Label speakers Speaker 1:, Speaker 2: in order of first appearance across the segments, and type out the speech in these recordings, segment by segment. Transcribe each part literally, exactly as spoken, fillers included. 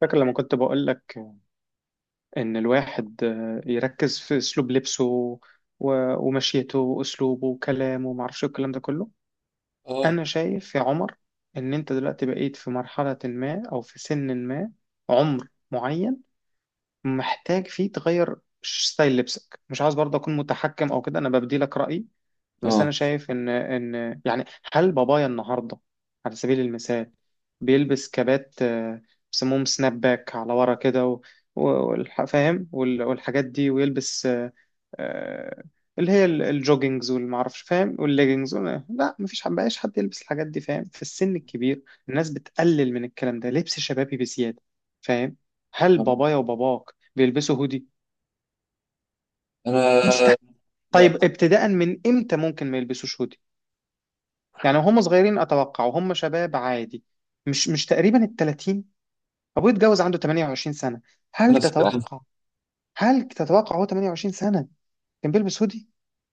Speaker 1: فاكر لما كنت بقول لك إن الواحد آه، يركز في أسلوب لبسه و- ومشيته وأسلوبه وكلامه ومعرفش إيه الكلام ده كله.
Speaker 2: اه
Speaker 1: أنا شايف يا عمر إن أنت دلوقتي بقيت في مرحلة ما أو في سن ما، عمر معين محتاج فيه تغير ش- ستايل لبسك. مش عاوز برضه أكون متحكم أو كده، أنا ببدي لك رأيي. بس
Speaker 2: اه
Speaker 1: انا شايف ان ان يعني، هل بابايا النهارده على سبيل المثال بيلبس كبات، آه، بيسموهم سناب باك على ورا كده و- و- والح- فاهم وال- والحاجات دي، ويلبس آه، آه، اللي هي ال- الجوجينجز والمعرفش فاهم، والليجينجز وال- لا، مفيش حد بقاش حد يلبس الحاجات دي فاهم في السن الكبير. الناس بتقلل من الكلام ده، لبس شبابي بزيادة فاهم. هل
Speaker 2: آه.
Speaker 1: بابايا وباباك بيلبسوا هودي؟
Speaker 2: انا
Speaker 1: مستحيل. طيب
Speaker 2: لا
Speaker 1: ابتداء من امتى ممكن ما يلبسوش هودي؟ يعني هم صغيرين اتوقع وهم شباب عادي، مش مش تقريبا ال تلاتين؟ ابوه اتجوز عنده ثمانية وعشرين سنة سنه.
Speaker 2: انا
Speaker 1: هل
Speaker 2: نفس الكلام.
Speaker 1: تتوقع، هل تتوقع هو تمنية وعشرين سنة سنه كان بيلبس هودي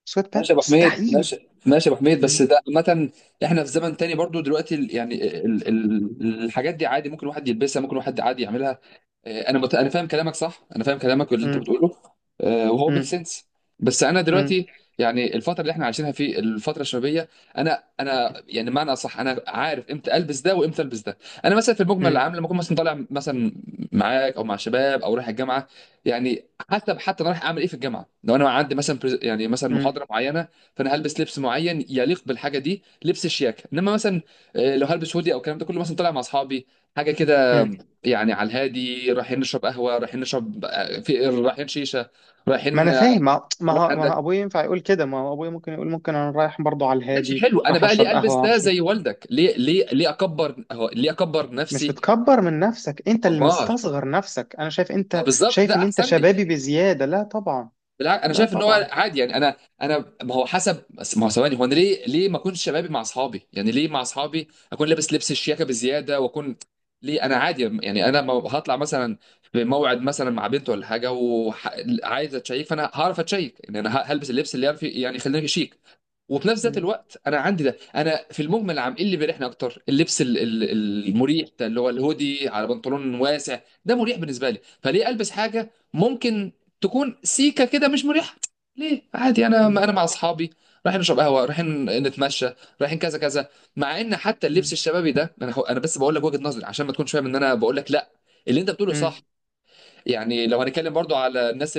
Speaker 1: سويت بانت؟
Speaker 2: ماشي يا ابو حميد،
Speaker 1: مستحيل.
Speaker 2: ماشي ماشي يا ابو حميد.
Speaker 1: مم.
Speaker 2: بس ده عامة احنا في زمن تاني برضو دلوقتي ال- يعني ال... ال... الحاجات دي عادي، ممكن واحد يلبسها، ممكن واحد عادي يعملها. آه، انا مت... انا فاهم كلامك صح، انا فاهم كلامك واللي انت
Speaker 1: مم.
Speaker 2: بتقوله. آه، وهو ميك
Speaker 1: مم.
Speaker 2: سنس. بس انا
Speaker 1: مم.
Speaker 2: دلوقتي يعني الفتره اللي احنا عايشينها في الفتره الشبابيه، انا انا يعني معنى اصح انا عارف امتى البس ده وامتى البس ده. انا مثلا في المجمل
Speaker 1: مم.
Speaker 2: العام لما اكون مثلا طالع مثلا معاك او مع شباب او رايح الجامعه، يعني حسب حتى انا رايح اعمل ايه في الجامعه. لو انا عندي مثلا برز- يعني مثلا
Speaker 1: مم.
Speaker 2: محاضره معينه، فانا هلبس لبس معين يليق بالحاجه دي، لبس الشياكه. انما مثلا آه، لو هلبس هودي او الكلام ده كله مثلا طالع مع اصحابي، حاجه كده،
Speaker 1: مم.
Speaker 2: يعني على الهادي رايحين نشرب قهوه، رايحين نشرب آه، في رايحين شيشه،
Speaker 1: ما
Speaker 2: رايحين
Speaker 1: انا
Speaker 2: آه،
Speaker 1: فاهم، ما ما
Speaker 2: رايح
Speaker 1: هو، ما هو
Speaker 2: عندك.
Speaker 1: ابويا ينفع يقول كده؟ ما هو ابويا ممكن يقول، ممكن انا رايح برضو على
Speaker 2: ماشي،
Speaker 1: الهادي،
Speaker 2: حلو، انا
Speaker 1: رايح
Speaker 2: بقى ليه
Speaker 1: اشرب
Speaker 2: البس
Speaker 1: قهوه
Speaker 2: ده
Speaker 1: معرفش
Speaker 2: زي
Speaker 1: إيه.
Speaker 2: والدك؟ ليه ليه ليه اكبر هو- ليه اكبر
Speaker 1: مش
Speaker 2: نفسي؟
Speaker 1: بتكبر من نفسك، انت اللي
Speaker 2: ما
Speaker 1: مستصغر نفسك. انا شايف
Speaker 2: ما
Speaker 1: انت
Speaker 2: بالظبط ده
Speaker 1: شايف ان انت
Speaker 2: احسن لي.
Speaker 1: شبابي بزياده؟ لا طبعا،
Speaker 2: بالعكس، انا
Speaker 1: لا
Speaker 2: شايف ان
Speaker 1: طبعا.
Speaker 2: هو عادي. يعني انا انا ما هو حسب. بس ما هو ثواني، هو انا ليه ليه ما اكونش شبابي مع اصحابي؟ يعني ليه مع اصحابي اكون لابس لبس الشياكه بزياده واكون؟ ليه؟ انا عادي يعني. انا ما هطلع مثلا في موعد مثلا مع بنت ولا حاجه وعايز اتشيك، فانا هعرف اتشيك. يعني انا هلبس اللبس اللي يعرف يعني يخليني شيك. وفي نفس ذات
Speaker 1: مم.
Speaker 2: الوقت انا عندي ده. انا في المجمل عام ايه اللي بيريحني اكتر؟ اللبس ال- ال- المريح ده، اللي هو الهودي على بنطلون واسع. ده مريح بالنسبه لي، فليه البس حاجه ممكن تكون سيكه كده مش مريحه؟ ليه؟ عادي. انا انا مع اصحابي رايحين نشرب قهوه، رايحين نتمشى، رايحين كذا كذا. مع ان حتى اللبس
Speaker 1: مم.
Speaker 2: الشبابي ده انا هو- انا بس بقول لك وجهه نظري عشان ما تكونش فاهم ان انا بقول لك لا، اللي انت بتقوله
Speaker 1: مم.
Speaker 2: صح. يعني لو هنتكلم برضو على الناس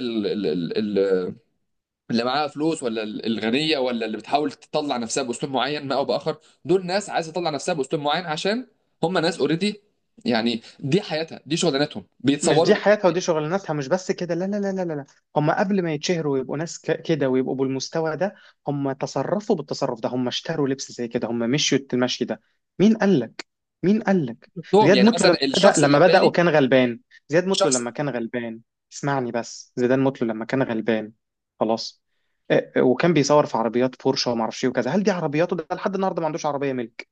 Speaker 2: اللي معاها فلوس، ولا ال- الغنيه، ولا اللي بتحاول تطلع نفسها باسلوب معين ما او باخر، دول ناس عايزه تطلع نفسها باسلوب معين عشان هم ناس اوريدي. يعني دي حياتها، دي شغلانتهم،
Speaker 1: مش
Speaker 2: بيتصوروا
Speaker 1: دي
Speaker 2: بالحاجات
Speaker 1: حياتها ودي
Speaker 2: دي.
Speaker 1: شغلانتها، مش بس كده، لا لا لا لا لا. هم قبل ما يتشهروا ويبقوا ناس ك- كده ويبقوا بالمستوى ده، هم تصرفوا بالتصرف ده، هم اشتروا لبس زي كده، هم مشيوا المشي ده. مين قال لك؟ مين قال لك؟
Speaker 2: شفتهم
Speaker 1: زياد
Speaker 2: يعني
Speaker 1: مطلو لما
Speaker 2: مثلا
Speaker 1: بدأ،
Speaker 2: الشخص اللي
Speaker 1: لما
Speaker 2: في
Speaker 1: بدأ
Speaker 2: بالي،
Speaker 1: وكان غلبان. زياد مطلو
Speaker 2: الشخص
Speaker 1: لما كان غلبان. اسمعني بس، زيدان مطلو لما كان غلبان. خلاص. آه، آه، وكان بيصور في عربيات بورشه وما اعرفش ايه وكذا. هل دي عربياته؟ ده لحد النهارده ما عندوش عربيه ملك.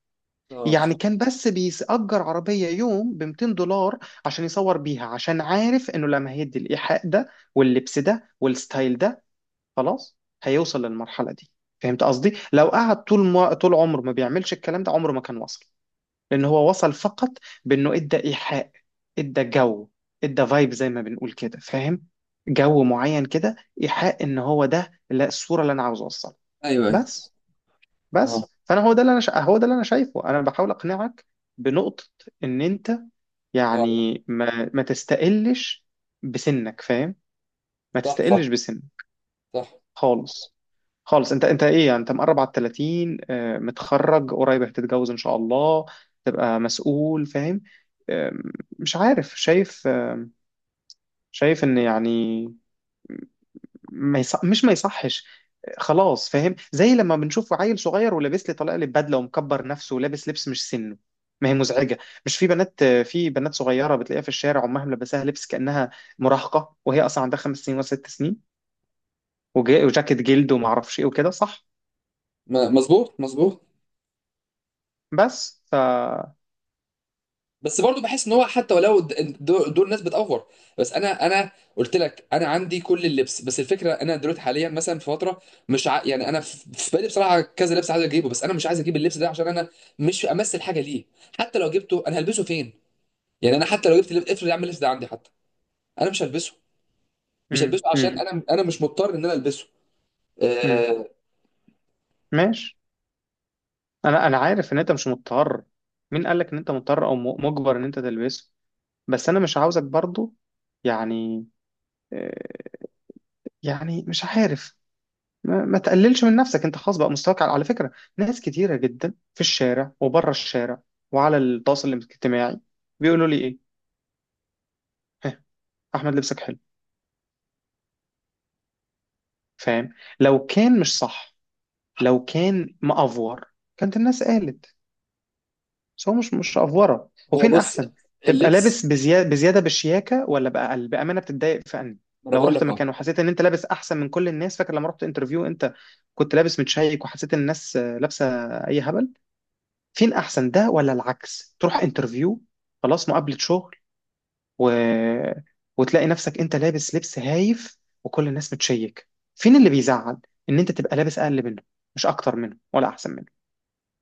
Speaker 2: آه،
Speaker 1: يعني كان بس بيأجر عربية يوم ب ميتين دولار عشان يصور بيها، عشان عارف انه لما هيدي الإيحاء ده واللبس ده والستايل ده، خلاص، هيوصل للمرحلة دي. فهمت قصدي؟ لو قعد طول ما، طول عمره ما بيعملش الكلام ده، عمره ما كان وصل. لأن هو وصل فقط بأنه ادى إيحاء، ادى جو، ادى فايب زي ما بنقول كده، فاهم؟ جو معين كده، إيحاء ان هو ده، لا، الصورة اللي انا عاوز اوصلها.
Speaker 2: ايوه ايوه.
Speaker 1: بس
Speaker 2: اه
Speaker 1: بس فانا هو ده اللي انا شا... هو ده اللي انا شايفه. انا بحاول اقنعك بنقطة، ان انت
Speaker 2: اه.
Speaker 1: يعني، ما ما تستقلش بسنك فاهم، ما
Speaker 2: صح
Speaker 1: تستقلش
Speaker 2: صح،
Speaker 1: بسنك
Speaker 2: صح.
Speaker 1: خالص، خالص. انت انت ايه يعني، انت مقرب على ال ثلاثين، آه، متخرج قريب، هتتجوز ان شاء الله، تبقى مسؤول فاهم. آه، مش عارف، شايف آه، شايف ان يعني، ما يصح، مش ما يصحش، خلاص فاهم. زي لما بنشوف عيل صغير ولابس لي طلقه بدله ومكبر نفسه ولابس لبس مش سنه، ما هي مزعجه. مش في بنات، في بنات صغيره بتلاقيها في الشارع امها ملبساها لبس كانها مراهقه وهي اصلا عندها خمس سنين وست سنين وجا- وجاكيت جلد وما اعرفش ايه وكده، صح؟
Speaker 2: ما- مظبوط مظبوط.
Speaker 1: بس ف،
Speaker 2: بس برضو بحس ان هو حتى ولو د- دول دول ناس بتأفور. بس انا انا قلت لك انا عندي كل اللبس. بس الفكره انا دلوقتي حاليا مثلا في فتره مش ع... يعني انا في في بالي بصراحه كذا لبس عايز اجيبه، بس انا مش عايز اجيب اللبس ده عشان انا مش امثل حاجه ليه. حتى لو جبته انا هلبسه فين؟ يعني انا حتى لو جبت لب... افرض يا عم اللبس ده عندي، حتى انا مش هلبسه، مش
Speaker 1: مم.
Speaker 2: هلبسه عشان
Speaker 1: مم.
Speaker 2: انا انا مش مضطر ان انا البسه.
Speaker 1: مم.
Speaker 2: آه...
Speaker 1: ماشي. انا انا عارف ان انت مش مضطر. مين قال لك ان انت مضطر او م- مجبر ان انت تلبسه؟ بس انا مش عاوزك برضو يعني، آه، يعني مش عارف، ما, ما تقللش من نفسك انت، خلاص بقى مستواك، على على فكرة ناس كتيرة جدا في الشارع وبره الشارع وعلى التواصل الاجتماعي بيقولوا لي ايه؟ ها؟ احمد لبسك حلو فاهم. لو كان مش صح، لو كان مأفور، كانت الناس قالت. بس هو مش مش أفورة.
Speaker 2: هو
Speaker 1: وفين
Speaker 2: بص
Speaker 1: احسن، تبقى
Speaker 2: اللبس.
Speaker 1: لابس بزيادة, بزيادة بالشياكة ولا بأقل؟ بأمانة بتتضايق في أنهي؟
Speaker 2: ما انا
Speaker 1: لو
Speaker 2: بقول
Speaker 1: رحت
Speaker 2: لك
Speaker 1: مكان
Speaker 2: اه.
Speaker 1: وحسيت ان انت لابس احسن من كل الناس، فاكر لما رحت انترفيو انت، كنت لابس متشيك وحسيت ان الناس آه، لابسة اي هبل، فين احسن، ده ولا العكس؟ تروح انترفيو، خلاص، مقابلة شغل، و... وتلاقي نفسك انت لابس لبس هايف وكل الناس بتشيك، فين اللي بيزعل؟ ان انت تبقى لابس اقل منه، مش اكتر منه ولا احسن منه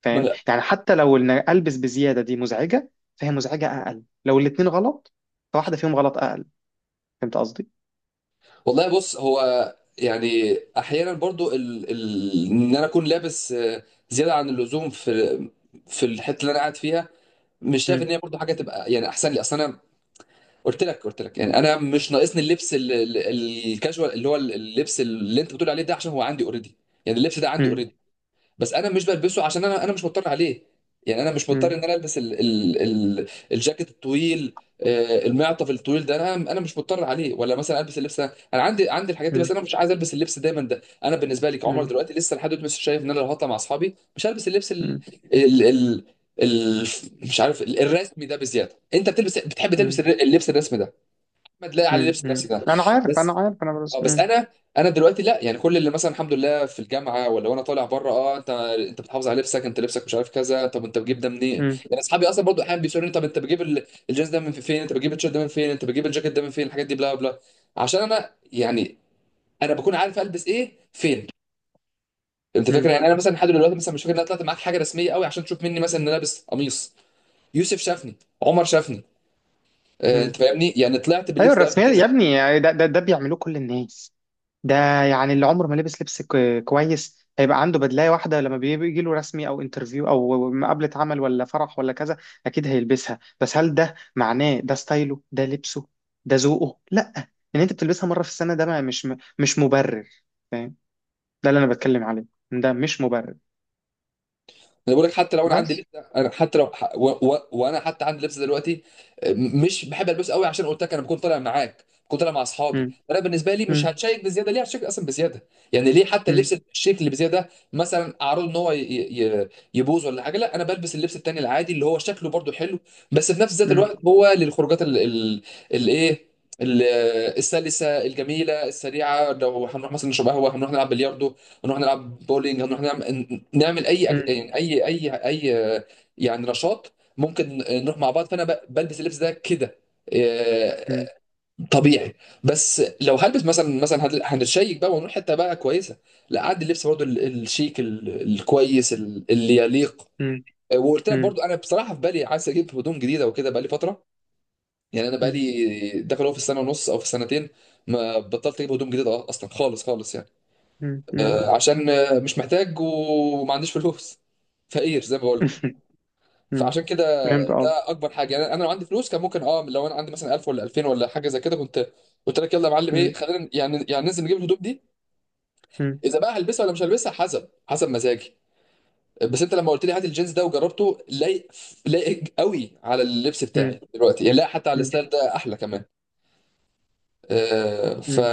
Speaker 1: فاهم. يعني حتى لو ان البس بزيادة دي مزعجة، فهي مزعجة اقل، لو الاتنين غلط فواحدة فيهم غلط اقل. فهمت قصدي؟
Speaker 2: والله بص، هو يعني احيانا برضو ال... ال... ان انا اكون لابس آه، زياده عن اللزوم في في الحته اللي انا قاعد فيها، مش شايف ان
Speaker 1: مم.
Speaker 2: هي برضو حاجه تبقى يعني احسن لي. اصل انا قلت لك، قلت لك يعني انا مش ناقصني اللبس ال- ال- الكاجوال اللي هو اللبس اللي انت بتقول عليه ده، عشان هو عندي اوريدي. يعني اللبس ده عندي
Speaker 1: مم.
Speaker 2: اوريدي. بس انا مش بلبسه عشان انا انا مش مضطر عليه. يعني انا مش
Speaker 1: مم.
Speaker 2: مضطر ان انا البس ال ال ال الجاكيت الطويل، آه، المعطف الطويل ده، انا انا مش مضطر عليه، ولا مثلا البس اللبس ده. انا عندي عندي الحاجات دي،
Speaker 1: مم.
Speaker 2: بس انا مش عايز البس اللبس دايما ده. انا بالنسبه لي كعمر
Speaker 1: مم.
Speaker 2: دلوقتي لسه لحد دلوقتي مش شايف ان انا لو هطلع مع اصحابي مش هلبس اللبس ال
Speaker 1: مم.
Speaker 2: ال ال ال مش عارف ال- الرسمي ده بزياده. انت بتلبس، بتحب تلبس الر- اللبس الرسمي ده، ما تلاقي عليه
Speaker 1: مم.
Speaker 2: لبس
Speaker 1: مم.
Speaker 2: الرسمي ده.
Speaker 1: انا عارف، انا
Speaker 2: بس
Speaker 1: عارف انا
Speaker 2: اه
Speaker 1: بس.
Speaker 2: بس
Speaker 1: مم.
Speaker 2: انا، انا دلوقتي لا، يعني كل اللي مثلا الحمد لله في الجامعه ولا وانا طالع بره. اه، انت انت بتحافظ على لبسك، انت لبسك مش عارف كذا. طب انت بتجيب ده منين؟ يعني اصحابي اصلا برضو احيانا بيسالوني: طب انت بتجيب ال- الجينز ده من فين؟ انت بتجيب التيشيرت ده من فين؟ انت بتجيب الجاكيت ده من فين؟ الحاجات دي بلا بلا. عشان انا يعني انا بكون عارف البس ايه فين. انت فاكر
Speaker 1: مم.
Speaker 2: يعني انا مثلا لحد دلوقتي مثلا مش فاكر ان انا طلعت معاك حاجه رسميه قوي عشان تشوف مني مثلا ان انا لابس قميص. يوسف شافني، عمر شافني، آه، انت
Speaker 1: مم.
Speaker 2: فاهمني، يعني طلعت
Speaker 1: ايوه
Speaker 2: باللبس ده قبل
Speaker 1: الرسميات يا
Speaker 2: كده.
Speaker 1: ابني يعني، ده ده, ده بيعملوه كل الناس ده. يعني اللي عمره ما لبس لبس ك- كويس هيبقى عنده بدلايه واحده لما بيجي له رسمي او انترفيو او مقابله عمل ولا فرح ولا كذا. اكيد هيلبسها، بس هل ده معناه ده ستايله، ده لبسه، ده ذوقه؟ لا. ان انت بتلبسها مره في السنه، ده ما، مش مش مبرر فاهم. ده اللي انا بتكلم عليه، ده مش مبرر.
Speaker 2: انا بقول لك حتى لو انا
Speaker 1: بس،
Speaker 2: عندي لبسه، انا حتى لو ح- و... و... وانا حتى عندي لبسه دلوقتي م- مش بحب البسه قوي، عشان قلت لك انا بكون طالع معاك، بكون طالع مع اصحابي.
Speaker 1: مم.
Speaker 2: انا بالنسبه لي مش
Speaker 1: مم.
Speaker 2: هتشيك بزياده، ليه هتشيك اصلا بزياده؟ يعني ليه حتى
Speaker 1: مم.
Speaker 2: اللبس الشيك اللي بزياده مثلا اعرضه ان هو ي... ي... يبوظ ولا حاجه؟ لا، انا بلبس اللبس التاني العادي اللي هو شكله برضو حلو، بس في نفس ذات
Speaker 1: مم.
Speaker 2: الوقت هو للخروجات ال... ال... الايه، ال- السلسه الجميله السريعه. لو هنروح مثلا نشرب قهوه، هنروح نلعب بلياردو، نروح نلعب بولينج، نروح نعمل، نعمل اي أك-
Speaker 1: مم.
Speaker 2: يعني اي اي اي يعني نشاط ممكن نروح مع بعض، فانا ب- بلبس اللبس ده كده آه،
Speaker 1: مم.
Speaker 2: طبيعي. بس لو هلبس مثلا، مثلا هن- هنتشيك بقى ونروح حته بقى كويسه، لا عاد اللبس برضو ال- الشيك ال- الكويس ال- اللي يليق.
Speaker 1: مم.
Speaker 2: وقلت لك برضو انا بصراحه في بالي عايز اجيب هدوم جديده وكده، بقى لي فتره. يعني انا بقى
Speaker 1: مم.
Speaker 2: لي داخل هو في السنه ونص او في السنتين ما بطلت اجيب هدوم جديده اصلا، خالص خالص، يعني
Speaker 1: مم. مم.
Speaker 2: آه، عشان آه، مش محتاج وما عنديش فلوس، فقير زي ما بقول لك. فعشان كده
Speaker 1: فهمت
Speaker 2: ده اكبر حاجه. يعني انا لو عندي فلوس كان ممكن اه، لو انا عندي مثلا ألف ولا ألفين ولا حاجه زي كده، كنت قلت لك يلا يا معلم ايه،
Speaker 1: قصدي.
Speaker 2: خلينا يعني، يعني ننزل نجيب الهدوم دي. اذا بقى هلبسها ولا مش هلبسها، حسب حسب مزاجي. بس انت لما قلت لي هات الجينز ده، وجربته، لايق، لايق قوي على اللبس
Speaker 1: مم.
Speaker 2: بتاعي دلوقتي. يعني لا، حتى على
Speaker 1: مم.
Speaker 2: الستايل ده احلى كمان. آه ف،
Speaker 1: مم.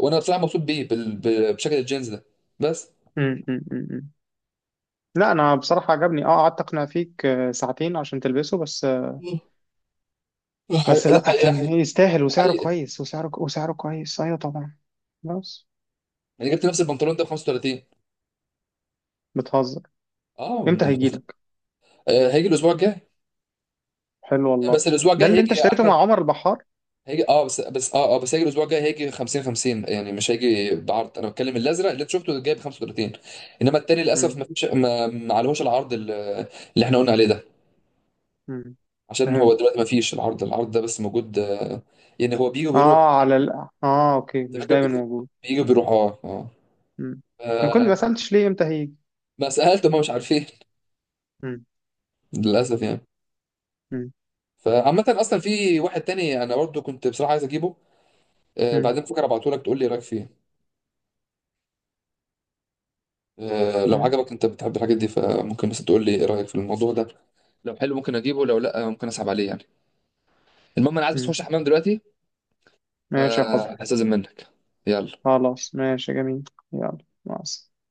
Speaker 2: وانا بصراحه مبسوط بيه بال... ب- بشكل الجينز ده. بس
Speaker 1: مم. مم. مم. لا انا بصراحه عجبني اه، قعدت اقنع فيك آه، ساعتين عشان تلبسه بس آه،
Speaker 2: ده
Speaker 1: بس
Speaker 2: حقيقة، ده
Speaker 1: لا كان يستاهل، وسعره
Speaker 2: حقيقة،
Speaker 1: كويس، وسعره وسعره كويس، ايوه طبعا، خلاص.
Speaker 2: انا جبت نفس البنطلون ده ب خمسة وتلاتين.
Speaker 1: بتهزر؟
Speaker 2: اه
Speaker 1: امتى
Speaker 2: من
Speaker 1: هيجيلك؟
Speaker 2: آه، هيجي الاسبوع الجاي.
Speaker 1: حلو والله.
Speaker 2: بس الاسبوع
Speaker 1: ده
Speaker 2: الجاي
Speaker 1: اللي
Speaker 2: هيجي
Speaker 1: انت
Speaker 2: يا
Speaker 1: اشتريته
Speaker 2: احمد،
Speaker 1: مع عمر البحار؟
Speaker 2: هيجي اه، بس بس اه اه بس هيجي الاسبوع الجاي، هيجي خمسين خمسين، يعني مش هيجي بعرض. انا بتكلم الازرق اللي انت شفته جاي ب خمسة وثلاثين، انما التاني للاسف
Speaker 1: مم.
Speaker 2: ما فيش، ما, ما عليهوش العرض ال- اللي احنا قلنا عليه ده.
Speaker 1: مم.
Speaker 2: عشان هو
Speaker 1: فهمت.
Speaker 2: دلوقتي ما فيش العرض، العرض ده بس موجود آه، يعني هو بيجي وبيروح.
Speaker 1: اه على ال... اه، اوكي،
Speaker 2: انت
Speaker 1: مش
Speaker 2: فاكر
Speaker 1: دايما
Speaker 2: بي-
Speaker 1: موجود.
Speaker 2: بيجي وبيروح اه اه
Speaker 1: مم. ما كنت ما
Speaker 2: آه،
Speaker 1: سالتش ليه امتى هيجي.
Speaker 2: ما سالت، هم مش عارفين.
Speaker 1: مم.
Speaker 2: للاسف يعني.
Speaker 1: مم.
Speaker 2: فعامة اصلا في واحد تاني انا برضه كنت بصراحه عايز اجيبه آه،
Speaker 1: مم.
Speaker 2: بعدين فكرة ابعته لك تقول لي ايه رايك فيه. آه، لو
Speaker 1: مم.
Speaker 2: عجبك، انت بتحب الحاجات دي، فممكن بس تقول لي ايه رايك في الموضوع ده. لو حلو ممكن اجيبه، لو لا ممكن اسحب عليه يعني. المهم انا عايز بس
Speaker 1: مم.
Speaker 2: اخش الحمام دلوقتي،
Speaker 1: ماشي يا حب.
Speaker 2: فهستاذن منك. يلا.
Speaker 1: خلاص، ماشي جميل. يلا، مع السلامه.